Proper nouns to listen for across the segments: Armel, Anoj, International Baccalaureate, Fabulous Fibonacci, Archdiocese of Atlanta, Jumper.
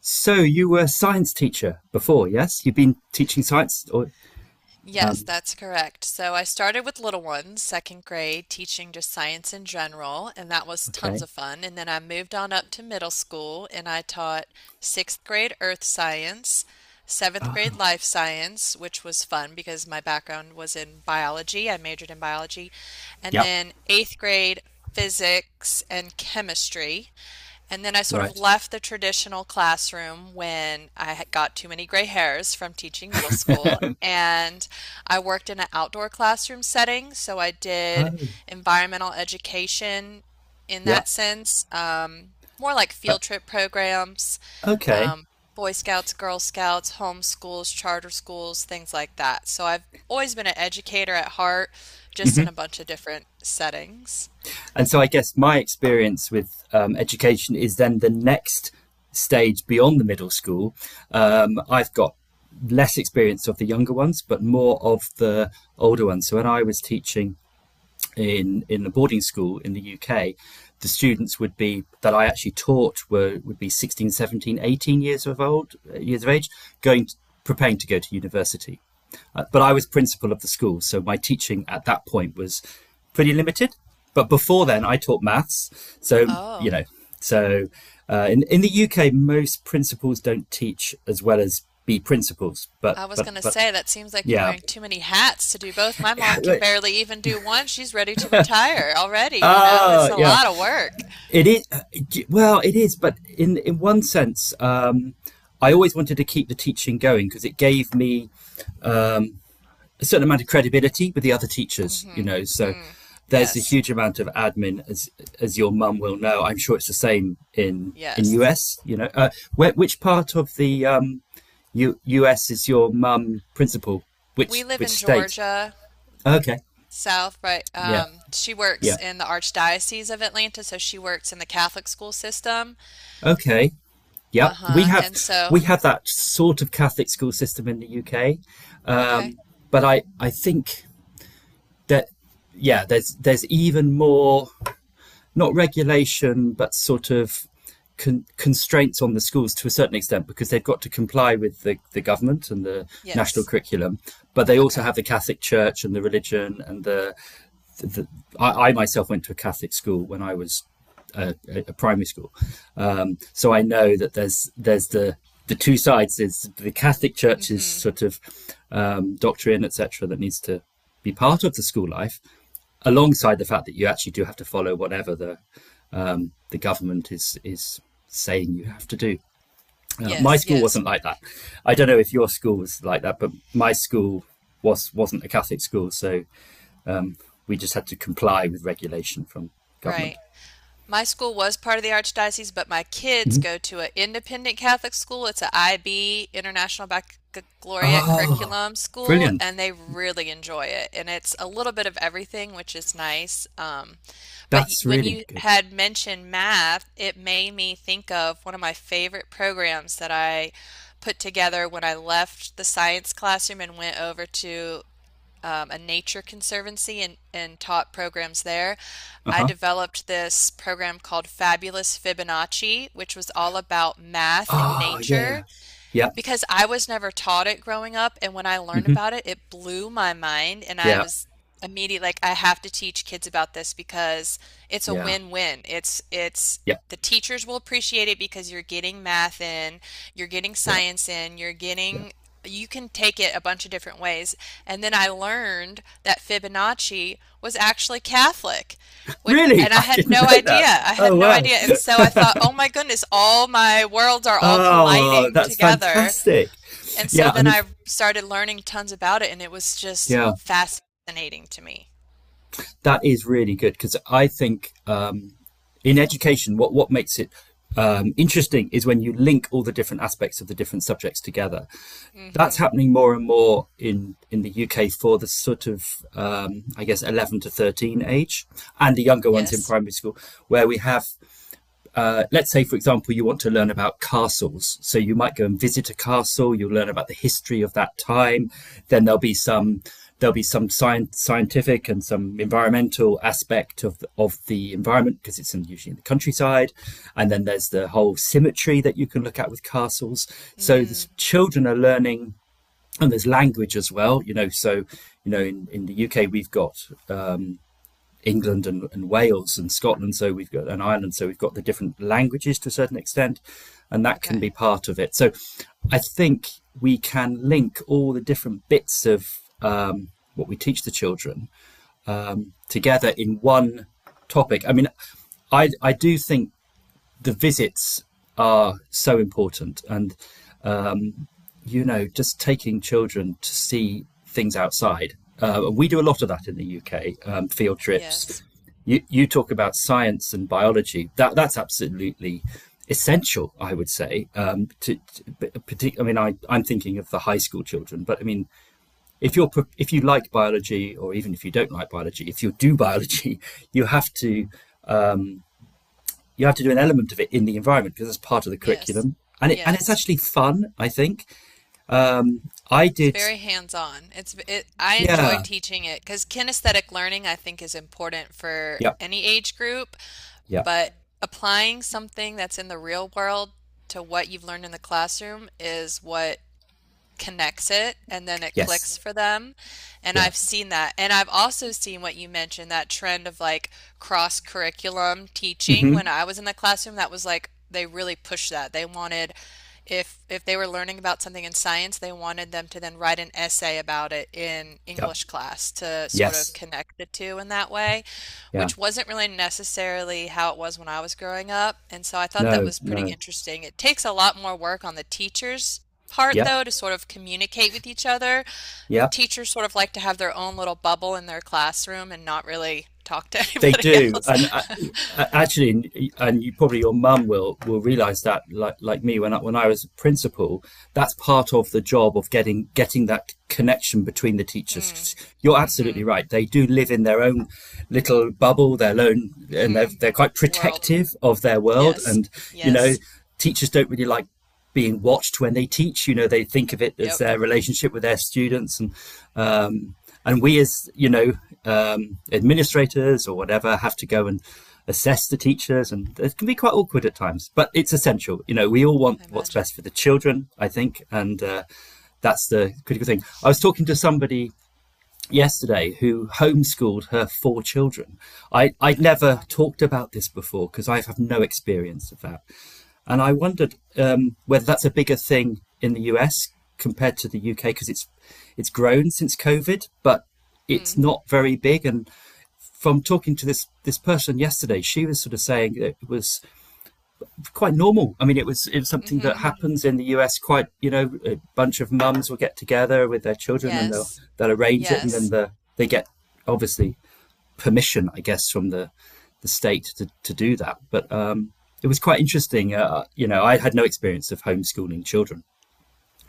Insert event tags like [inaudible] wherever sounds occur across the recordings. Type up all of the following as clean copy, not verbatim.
So you were a science teacher before, yes? You've been teaching science, or Yes, um, that's correct. So I started with little ones, second grade, teaching just science in general, and that was tons okay. of fun. And then I moved on up to middle school and I taught sixth grade earth science, seventh grade life science, which was fun because my background was in biology. I majored in biology. And Yep. then eighth grade physics and chemistry. And then I sort of Right? left the traditional classroom when I had got too many gray hairs from teaching middle school. And I worked in an outdoor classroom setting. So I did Oh, environmental education in yeah, that sense, more like uh, field trip programs, okay. um, Boy Scouts, Girl Scouts, homeschools, charter schools, things like that. So I've always been an educator at heart, just in a bunch of different settings. And so I guess my experience with education is then the next stage beyond the middle school. I've got less experience of the younger ones, but more of the older ones. So when I was teaching in a boarding school in the UK, the students would be that I actually taught were would be 16, 17, 18 years of age, going to, preparing to go to university. But I was principal of the school, so my teaching at that point was pretty limited. But before then, I taught maths, so you Oh. know, so in the UK, most principals don't teach as well as be principals, but I was but going to but say, that seems like you're Yeah, wearing too many hats to do both. My mom can barely even do one. She's ready to retire already, ah, It's a yeah. lot of work. It is, well, it is, but in one sense, I always wanted to keep the teaching going because it gave me um, a certain amount of credibility with the other teachers. You Hmm. know, so Mm. there's a Yes. huge amount of admin, as your mum will know. I'm sure it's the same in Yes. US. Where, which part of the US is your mum principal? Which We live which in state? Georgia, Okay, South, right? yeah, She works yeah, in the Archdiocese of Atlanta, so she works in the Catholic school system. okay. Yep, we Uh-huh. have And so, that sort of Catholic school system in the UK, okay. um, but I think that, yeah, there's even more, not regulation but sort of constraints on the schools to a certain extent because they've got to comply with the government and the national Yes. curriculum, but they also Okay. have the Catholic Church and the religion and the. I myself went to a Catholic school when I was a primary school, so I know that there's the two sides. There's the Catholic Church's Hmm. sort of doctrine, etc., that needs to be part of the school life, alongside the fact that you actually do have to follow whatever the government is saying you have to do. My Yes, school yes. wasn't like that. I don't know if your school was like that, but my school wasn't a Catholic school, so we just had to comply with regulation from government. Right. My school was part of the archdiocese, but my kids go to an independent Catholic school. It's an IB, International Baccalaureate Oh, Curriculum school, brilliant. and they really enjoy it. And it's a little bit of everything, which is nice. But That's when really you good. had mentioned math, it made me think of one of my favorite programs that I put together when I left the science classroom and went over to a nature conservancy and taught programs there. Uh I huh. developed this program called Fabulous Fibonacci, which was all about math and Oh, yeah, yeah. nature Yeah. because I was never taught it growing up, and when I learned Mm-hmm. about it, it blew my mind, and I Yeah. was immediately like, I have to teach kids about this because it's a Yeah. win-win. It's Yeah. the teachers will appreciate it because you're getting math in, you're getting Yeah. science in, you're Yeah. getting you can take it a bunch of different ways. And then I learned that Fibonacci was actually Catholic, which, Really? and [laughs] I I had didn't no know idea. that. I had Oh, no wow. idea. And so I thought, oh my goodness, all my worlds are all Oh, colliding that's together. fantastic. And so Yeah. I then mean, I started learning tons about it, and it was just yeah. fascinating to me. That is really good because I think in education, what makes it interesting is when you link all the different aspects of the different subjects together. That's Mm-hmm. happening more and more in the UK for the sort of, I guess, 11 to 13 age and the younger ones in Yes. primary school, where we have let's say, for example, you want to learn about castles. So you might go and visit a castle. You'll learn about the history of that time. Then there'll be some scientific and some environmental aspect of the environment because it's usually in the countryside. And then there's the whole symmetry that you can look at with castles. So the Mm. children are learning, and there's language as well. So in the UK we've got England and Wales and Scotland, so we've got an Ireland, so we've got the different languages to a certain extent, and that can Okay. be part of it. So I think we can link all the different bits of um, what we teach the children together in one topic. I mean, I do think the visits are so important, and just taking children to see things outside. We do a lot of that in the UK, field trips. Yes. You talk about science and biology. That's absolutely essential, I would say. To, I mean, I'm thinking of the high school children, but I mean, if you're if you like biology, or even if you don't like biology, if you do [laughs] biology, you have to um, do an element of it in the environment because it's part of the Yes. curriculum, and it's Yes. actually fun, I think. Um, I It's did. very hands-on. I enjoy Yeah. teaching it because kinesthetic learning I think is important for Yeah. any age group, Yeah. but applying something that's in the real world to what you've learned in the classroom is what connects it and then it Yes. clicks for them. And Yeah. I've seen that. And I've also seen what you mentioned, that trend of like cross curriculum teaching. Mm-hmm. When I was in the classroom, that was like they really pushed that. They wanted if they were learning about something in science, they wanted them to then write an essay about it in Yeah. English class to sort of Yes. connect the two in that way, Yeah. which wasn't really necessarily how it was when I was growing up. And so I thought that No. was pretty No. interesting. It takes a lot more work on the teachers part, Yeah. though, to sort of communicate with each other. Yeah. Teachers sort of like to have their own little bubble in their classroom and not really talk to [laughs] They anybody do, else. and [laughs] actually, and you probably your mum will realise that, like me, when I was a principal, that's part of the job of getting that connection between the Hmm. teachers. You're Mm-hmm. absolutely right; they do live in their own little bubble, their own, and they're Mm-hmm. they're quite World. protective of their world, Yes. and you know, Yes. teachers don't really like being watched when they teach. They think of it as Yep. their relationship with their students, and um, we, as you know, administrators or whatever have to go and assess the teachers, and it can be quite awkward at times. But it's essential. We all want I what's imagine. best for the children, I think, and that's the critical thing. I was talking to somebody yesterday who homeschooled her four children. I'd Oh, never wow. talked about this before because I have no experience of that. And I wondered whether that's a bigger thing in the US compared to the UK because it's grown since COVID, but it's Mm. not very big. And from talking to this person yesterday, she was sort of saying it was quite normal. I mean, it was something that Mm-hmm. happens in the US. Quite, a bunch of mums will get together with their children and they'll Yes. they'll arrange it, and then Yes. They get obviously permission, I guess, from the state to do that. But it was quite interesting. I had no experience of homeschooling children.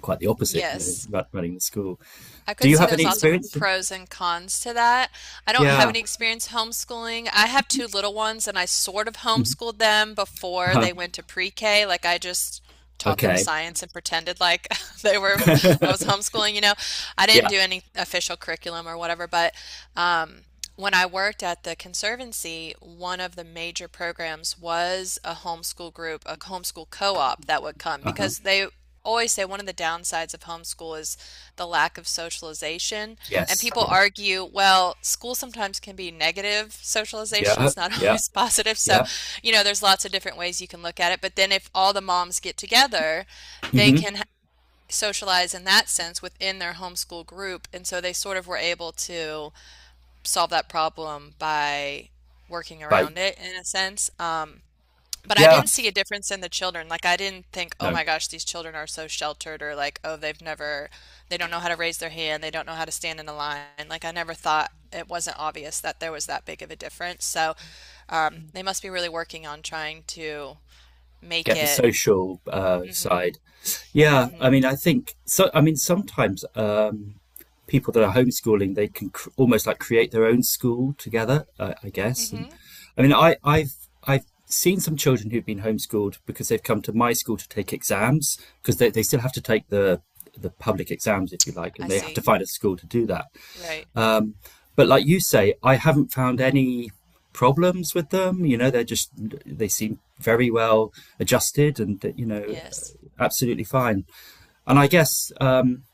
Quite the opposite, Yes. Running the school. I Do could you see have there's any lots of experience? pros and cons to that. I don't have Yeah. any experience homeschooling. I have two little ones and I sort of homeschooled them before Uh-huh. they went to pre-K. Like I just taught them Okay. science and pretended like [laughs] they were [laughs] I was homeschooling, I didn't Yeah. do any official curriculum or whatever, but um when I worked at the conservancy, one of the major programs was a homeschool group, a homeschool co-op that would come Uh huh. because they always say one of the downsides of homeschool is the lack of socialization. And Yes. people Yeah. argue, well, school sometimes can be negative socialization. Yeah. It's not [laughs] Yeah. always positive. So, Yeah. There's lots of different ways you can look at it. But then if all the moms get together, they Hmm. can socialize in that sense within their homeschool group. And so they sort of were able to solve that problem by working Bye. around it in a sense. But I Yeah. didn't see a difference in the children. Like I didn't think, oh No. my gosh, these children are so sheltered, or like, oh, they've never, they don't know how to raise their hand, they don't know how to stand in a line. Like I never thought it wasn't obvious that there was that big of a difference. So they must be really working on trying to make Get the it. social Mm-hmm. side. Yeah, I Mm-hmm. mean, I think so. I mean, sometimes people that are homeschooling they can almost like create their own school together. I guess. And, Mm-hmm. I mean, I've seen some children who've been homeschooled because they've come to my school to take exams because they still have to take the public exams if you like, I and they have to see. find a school to do that, Right. um, but like you say, I haven't found any problems with them. They seem very well adjusted and Yes. absolutely fine. And I guess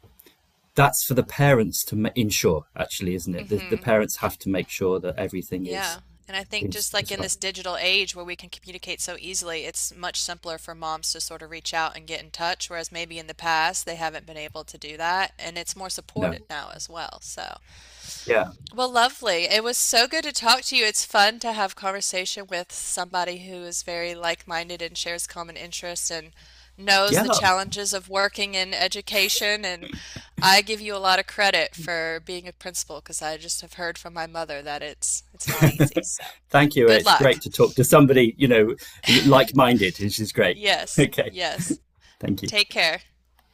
that's for the parents to ensure, actually, isn't it? The Mm-hmm. parents have to make sure that everything is Yeah. And I think is just like is in right. this digital age where we can communicate so easily, it's much simpler for moms to sort of reach out and get in touch, whereas maybe in the past they haven't been able to do that. And it's more No. supported now as well. So. Yeah. Well, lovely. It was so good to talk to you. It's fun to have conversation with somebody who is very like-minded and shares common interests and knows Yeah. the challenges of working in education. And I give you a lot of credit for being a principal because I just have heard from my mother that it's not easy. So, Thank you. good It's great luck. to talk to somebody, like minded, which is great. [laughs] Yes, Okay. yes. Thank you. Take care.